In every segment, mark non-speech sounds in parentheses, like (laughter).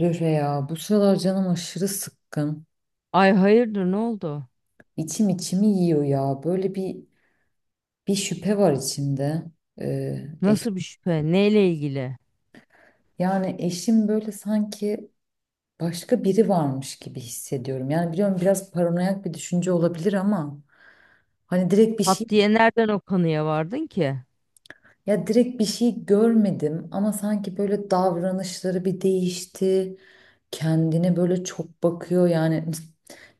Röre ya bu sıralar canım aşırı sıkkın. Ay, hayırdır, ne oldu? İçim içimi yiyor ya. Böyle bir şüphe var içimde. Ee, eş- Nasıl bir şüphe? Neyle ilgili? Yani eşim böyle sanki başka biri varmış gibi hissediyorum. Yani biliyorum biraz paranoyak bir düşünce olabilir ama hani direkt bir şey Pat diye nereden o kanıya vardın ki? ya direkt bir şey görmedim ama sanki böyle davranışları bir değişti. Kendine böyle çok bakıyor yani. (laughs)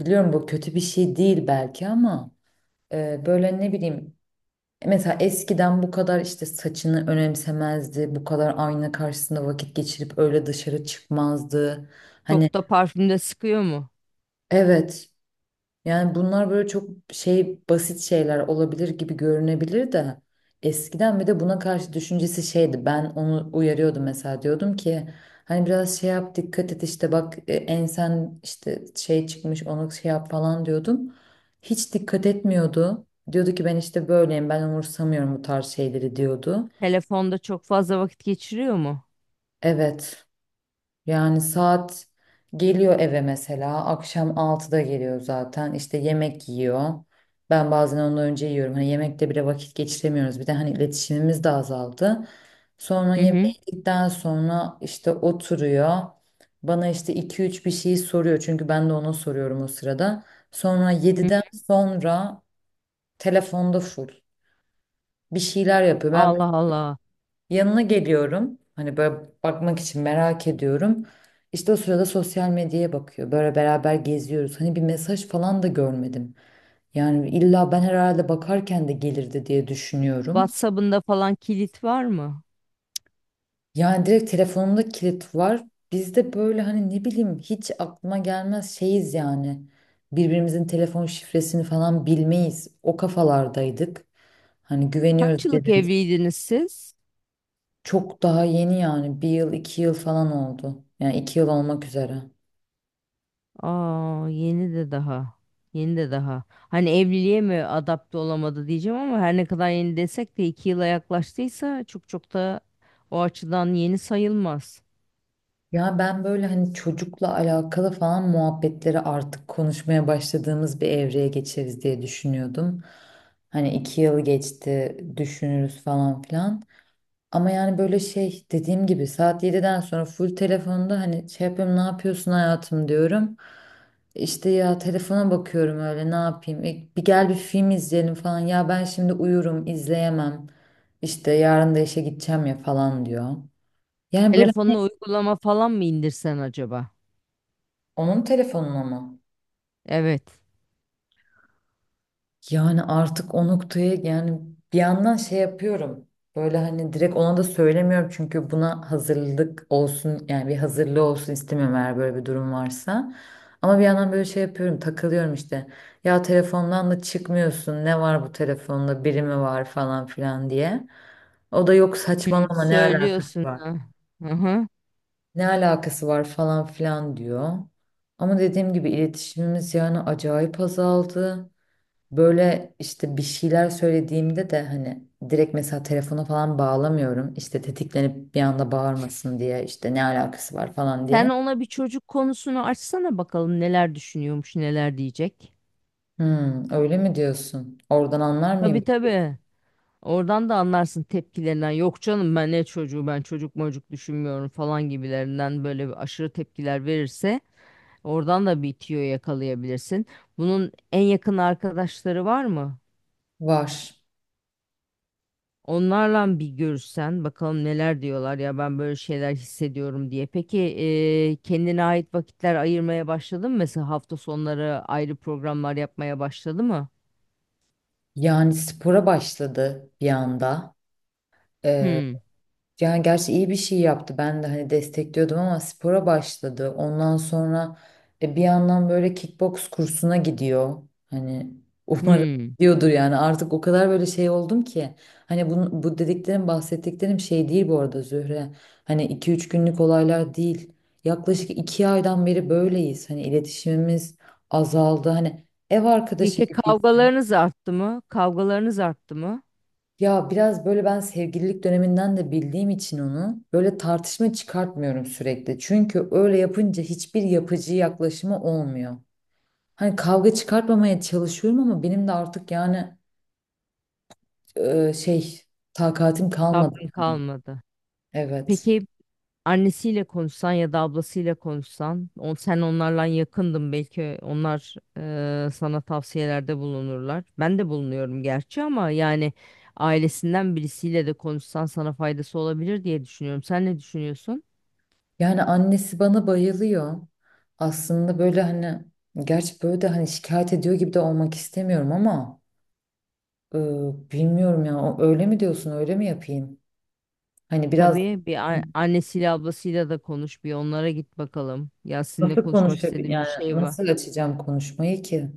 Biliyorum bu kötü bir şey değil belki ama böyle ne bileyim. Mesela eskiden bu kadar işte saçını önemsemezdi, bu kadar ayna karşısında vakit geçirip öyle dışarı çıkmazdı. Hani Çok da parfümde sıkıyor mu? evet, yani bunlar böyle çok şey, basit şeyler olabilir gibi görünebilir de eskiden bir de buna karşı düşüncesi şeydi. Ben onu uyarıyordum, mesela diyordum ki hani biraz şey yap, dikkat et, işte bak ensen işte şey çıkmış, onu şey yap falan diyordum. Hiç dikkat etmiyordu. Diyordu ki ben işte böyleyim, ben umursamıyorum bu tarz şeyleri diyordu. Telefonda çok fazla vakit geçiriyor mu? Evet. Yani saat geliyor eve mesela. Akşam altıda geliyor zaten. İşte yemek yiyor. Ben bazen ondan önce yiyorum. Hani yemekte bile vakit geçiremiyoruz. Bir de hani iletişimimiz de azaldı. Sonra Hı yemeği hı. yedikten sonra işte oturuyor. Bana işte iki üç bir şey soruyor. Çünkü ben de ona soruyorum o sırada. Sonra Hı yediden hı. sonra telefonda full. Bir şeyler yapıyor. Ben Allah Allah. yanına geliyorum. Hani böyle bakmak için merak ediyorum. İşte o sırada sosyal medyaya bakıyor. Böyle beraber geziyoruz. Hani bir mesaj falan da görmedim. Yani illa ben herhalde bakarken de gelirdi diye düşünüyorum. WhatsApp'ında falan kilit var mı? Yani direkt telefonumda kilit var. Biz de böyle hani ne bileyim hiç aklıma gelmez şeyiz yani. Birbirimizin telefon şifresini falan bilmeyiz. O kafalardaydık. Hani Kaç güveniyoruz yıllık birbirimize. evliydiniz siz? Çok daha yeni yani bir yıl iki yıl falan oldu. Yani iki yıl olmak üzere. Aa, yeni de daha. Yeni de daha. Hani evliliğe mi adapte olamadı diyeceğim ama her ne kadar yeni desek de iki yıla yaklaştıysa çok çok da o açıdan yeni sayılmaz. Ya ben böyle hani çocukla alakalı falan muhabbetleri artık konuşmaya başladığımız bir evreye geçeriz diye düşünüyordum. Hani iki yıl geçti düşünürüz falan filan. Ama yani böyle şey dediğim gibi saat 7'den sonra full telefonda, hani şey yapıyorum, ne yapıyorsun hayatım diyorum. İşte ya telefona bakıyorum, öyle ne yapayım. Bir gel bir film izleyelim falan, ya ben şimdi uyurum izleyemem. İşte yarın da işe gideceğim ya falan diyor. Yani böyle Telefonuna uygulama falan mı indirsen acaba? onun telefonuna mı? Evet. Yani artık o noktaya yani bir yandan şey yapıyorum. Böyle hani direkt ona da söylemiyorum çünkü buna hazırlık olsun, yani bir hazırlığı olsun istemiyorum eğer böyle bir durum varsa. Ama bir yandan böyle şey yapıyorum, takılıyorum işte. Ya telefondan da çıkmıyorsun, ne var bu telefonda, biri mi var falan filan diye. O da yok Hı, saçmalama, ne alaka, söylüyorsun ha. Hı-hı. ne alakası var falan filan diyor. Ama dediğim gibi iletişimimiz yani acayip azaldı. Böyle işte bir şeyler söylediğimde de hani direkt mesela telefona falan bağlamıyorum. İşte tetiklenip bir anda bağırmasın diye işte ne alakası var falan Sen diye. ona bir çocuk konusunu açsana bakalım neler düşünüyormuş, neler diyecek. Hmm, öyle mi diyorsun? Oradan anlar mıyım? Tabii tabii. Oradan da anlarsın tepkilerinden. Yok canım, ben ne çocuğu, ben çocuk mocuk düşünmüyorum falan gibilerinden böyle bir aşırı tepkiler verirse oradan da bir tüyo yakalayabilirsin. Bunun en yakın arkadaşları var mı? Var. Onlarla bir görüşsen bakalım neler diyorlar, ya ben böyle şeyler hissediyorum diye. Peki kendine ait vakitler ayırmaya başladın mı? Mesela hafta sonları ayrı programlar yapmaya başladı mı? Yani spora başladı bir anda. Hmm. Yani gerçi iyi bir şey yaptı. Ben de hani destekliyordum ama spora başladı. Ondan sonra bir yandan böyle kickbox kursuna gidiyor. Hani (laughs) umarım Hmm. diyordur yani artık o kadar böyle şey oldum ki. Hani bu dediklerim bahsettiklerim şey değil bu arada Zühre. Hani iki üç günlük olaylar değil. Yaklaşık 2 aydan beri böyleyiz. Hani iletişimimiz azaldı. Hani ev arkadaşı Peki gibiyiz. kavgalarınız arttı mı? Kavgalarınız arttı mı? Ya biraz böyle ben sevgililik döneminden de bildiğim için onu böyle tartışma çıkartmıyorum sürekli. Çünkü öyle yapınca hiçbir yapıcı yaklaşımı olmuyor. Hani kavga çıkartmamaya çalışıyorum ama benim de artık yani e, şey takatim kalmadı Sabrın yani. kalmadı. Evet. Peki annesiyle konuşsan ya da ablasıyla konuşsan, sen onlarla yakındın, belki onlar sana tavsiyelerde bulunurlar. Ben de bulunuyorum gerçi ama yani ailesinden birisiyle de konuşsan sana faydası olabilir diye düşünüyorum. Sen ne düşünüyorsun? Yani annesi bana bayılıyor. Aslında böyle hani, gerçi böyle de hani şikayet ediyor gibi de olmak istemiyorum ama e, bilmiyorum ya, öyle mi diyorsun, öyle mi yapayım? Hani biraz Tabii, annesiyle ablasıyla da konuş, bir onlara git bakalım. Ya sizinle nasıl konuşmak konuşabilir? istediğim bir Yani şey var. nasıl açacağım konuşmayı ki?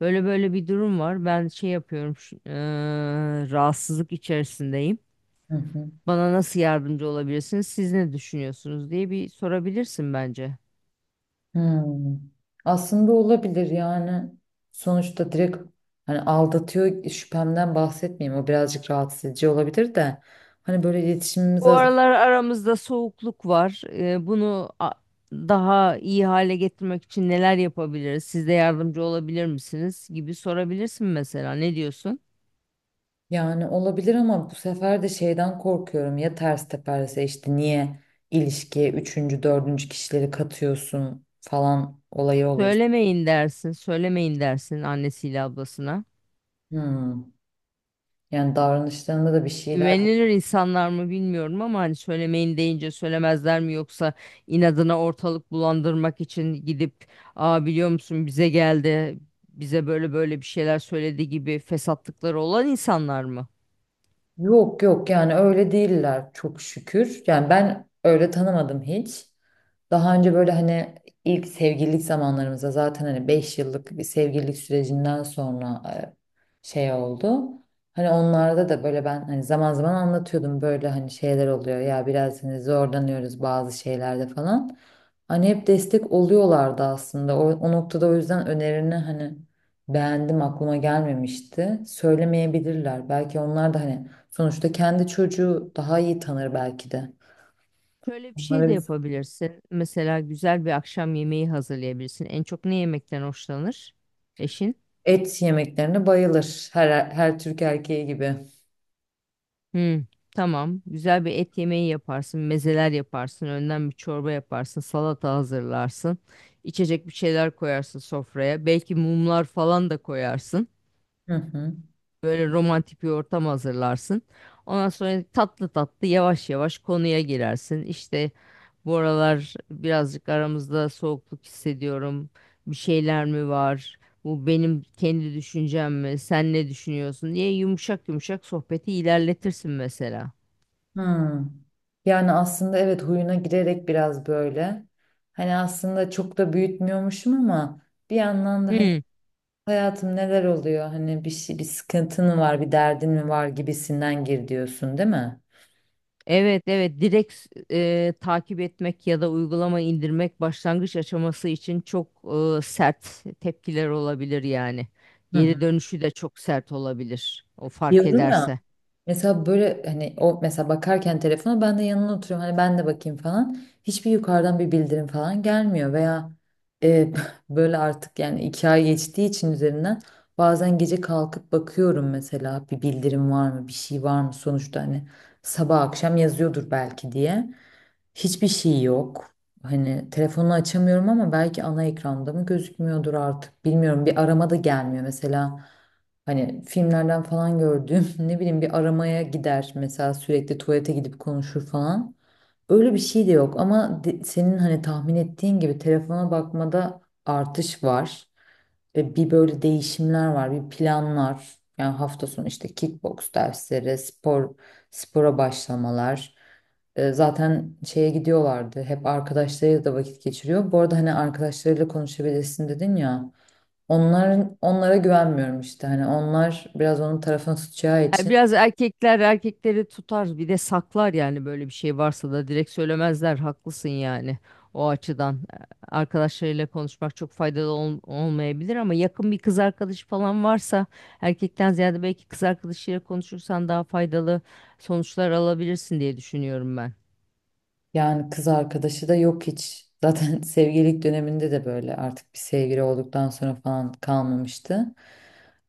Böyle böyle bir durum var. Ben şey yapıyorum, rahatsızlık içerisindeyim. Hı hı. Bana nasıl yardımcı olabilirsiniz? Siz ne düşünüyorsunuz diye bir sorabilirsin bence. Hmm. Aslında olabilir yani. Sonuçta direkt hani aldatıyor şüphemden bahsetmeyeyim. O birazcık rahatsız edici olabilir de. Hani böyle iletişimimiz Bu az. aralar aramızda soğukluk var. Bunu daha iyi hale getirmek için neler yapabiliriz? Siz de yardımcı olabilir misiniz, gibi sorabilirsin mesela. Ne diyorsun? Yani olabilir ama bu sefer de şeyden korkuyorum. Ya ters teperse işte niye ilişkiye üçüncü, dördüncü kişileri katıyorsun falan olayı olur. Söylemeyin dersin, söylemeyin dersin annesiyle ablasına. Hmm. Yani davranışlarında da bir şeyler. Güvenilir insanlar mı, bilmiyorum ama hani söylemeyin deyince söylemezler mi, yoksa inadına ortalık bulandırmak için gidip "aa, biliyor musun, bize geldi, bize böyle böyle bir şeyler söyledi" gibi fesatlıkları olan insanlar mı? Yok yok yani öyle değiller çok şükür. Yani ben öyle tanımadım hiç. Daha önce böyle hani ilk sevgililik zamanlarımızda zaten hani 5 yıllık bir sevgililik sürecinden sonra şey oldu. Hani onlarda da böyle ben hani zaman zaman anlatıyordum böyle hani şeyler oluyor ya biraz hani zorlanıyoruz bazı şeylerde falan. Hani hep destek oluyorlardı aslında. O noktada, o yüzden önerini hani beğendim, aklıma gelmemişti. Söylemeyebilirler. Belki onlar da hani sonuçta kendi çocuğu daha iyi tanır belki de. Şöyle bir şey Onlara de biz yapabilirsin. Mesela güzel bir akşam yemeği hazırlayabilirsin. En çok ne yemekten hoşlanır eşin? et yemeklerine bayılır her Türk erkeği gibi. Hmm, tamam. Güzel bir et yemeği yaparsın, mezeler yaparsın, önden bir çorba yaparsın, salata hazırlarsın. İçecek bir şeyler koyarsın sofraya. Belki mumlar falan da koyarsın. Hı hı. Böyle romantik bir ortam hazırlarsın. Ondan sonra tatlı tatlı, yavaş yavaş konuya girersin. İşte bu aralar birazcık aramızda soğukluk hissediyorum. Bir şeyler mi var? Bu benim kendi düşüncem mi? Sen ne düşünüyorsun diye yumuşak yumuşak sohbeti ilerletirsin mesela. Hı. Yani aslında evet, huyuna girerek biraz böyle. Hani aslında çok da büyütmüyormuşum ama bir yandan da hani Hmm. hayatım neler oluyor? Hani bir şey, bir sıkıntın mı var, bir derdin mi var gibisinden gir diyorsun, değil mi? Evet, evet, direkt takip etmek ya da uygulama indirmek başlangıç aşaması için çok sert tepkiler olabilir yani. Hı hı. Geri dönüşü de çok sert olabilir o fark Diyorum ya. ederse. Mesela böyle hani o mesela bakarken telefona ben de yanına oturuyorum, hani ben de bakayım falan. Hiçbir yukarıdan bir bildirim falan gelmiyor veya e, (laughs) böyle artık yani iki ay geçtiği için üzerinden bazen gece kalkıp bakıyorum mesela, bir bildirim var mı bir şey var mı, sonuçta hani sabah akşam yazıyordur belki diye. Hiçbir şey yok. Hani telefonu açamıyorum ama belki ana ekranda mı gözükmüyordur artık. Bilmiyorum, bir arama da gelmiyor mesela. Hani filmlerden falan gördüğüm (laughs) ne bileyim bir aramaya gider mesela, sürekli tuvalete gidip konuşur falan. Öyle bir şey de yok ama senin hani tahmin ettiğin gibi telefona bakmada artış var. Ve bir böyle değişimler var, bir planlar. Yani hafta sonu işte kickbox dersleri, spora başlamalar. Zaten şeye gidiyorlardı. Hep arkadaşlarıyla da vakit geçiriyor. Bu arada hani arkadaşlarıyla konuşabilirsin dedin ya. Hı hı. Onların, onlara güvenmiyorum işte. Hani onlar biraz onun tarafını tutacağı Yani için. biraz erkekler erkekleri tutar, bir de saklar, yani böyle bir şey varsa da direkt söylemezler, haklısın yani. O açıdan arkadaşlarıyla konuşmak çok faydalı olmayabilir ama yakın bir kız arkadaşı falan varsa, erkekten ziyade belki kız arkadaşıyla konuşursan daha faydalı sonuçlar alabilirsin diye düşünüyorum ben. Yani kız arkadaşı da yok hiç. Zaten (laughs) sevgililik döneminde de böyle artık bir sevgili olduktan sonra falan kalmamıştı.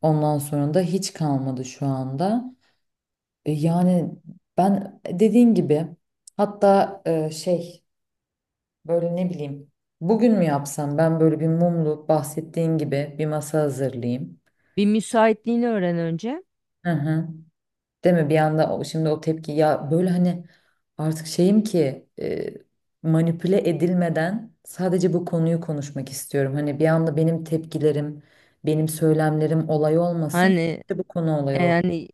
Ondan sonra da hiç kalmadı şu anda. Yani ben dediğin gibi, hatta böyle ne bileyim. Bugün mü yapsam ben böyle bir mumlu bahsettiğin gibi bir masa hazırlayayım. Bir müsaitliğini öğren önce. Hı hı. Değil mi? Bir anda şimdi o tepki ya, böyle hani artık şeyim ki manipüle edilmeden sadece bu konuyu konuşmak istiyorum. Hani bir anda benim tepkilerim, benim söylemlerim olay olmasın. Hani Sadece bu konu olay olsun. yani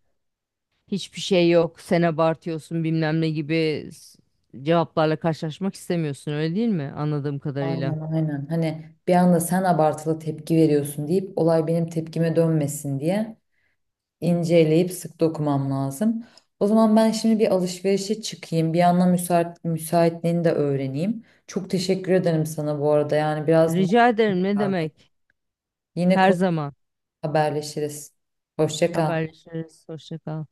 hiçbir şey yok, sen abartıyorsun, bilmem ne gibi cevaplarla karşılaşmak istemiyorsun, öyle değil mi, anladığım kadarıyla. Aynen aynen. Hani bir anda sen abartılı tepki veriyorsun deyip olay benim tepkime dönmesin diye. İnceleyip sık dokumam lazım. O zaman ben şimdi bir alışverişe çıkayım. Bir yandan müsaitliğini de öğreneyim. Çok teşekkür ederim sana bu arada. Yani biraz Rica ederim, ne mutluyum. demek? Yine Her konu zaman haberleşiriz. Hoşça kal. haberleşiriz. Hoşça kal.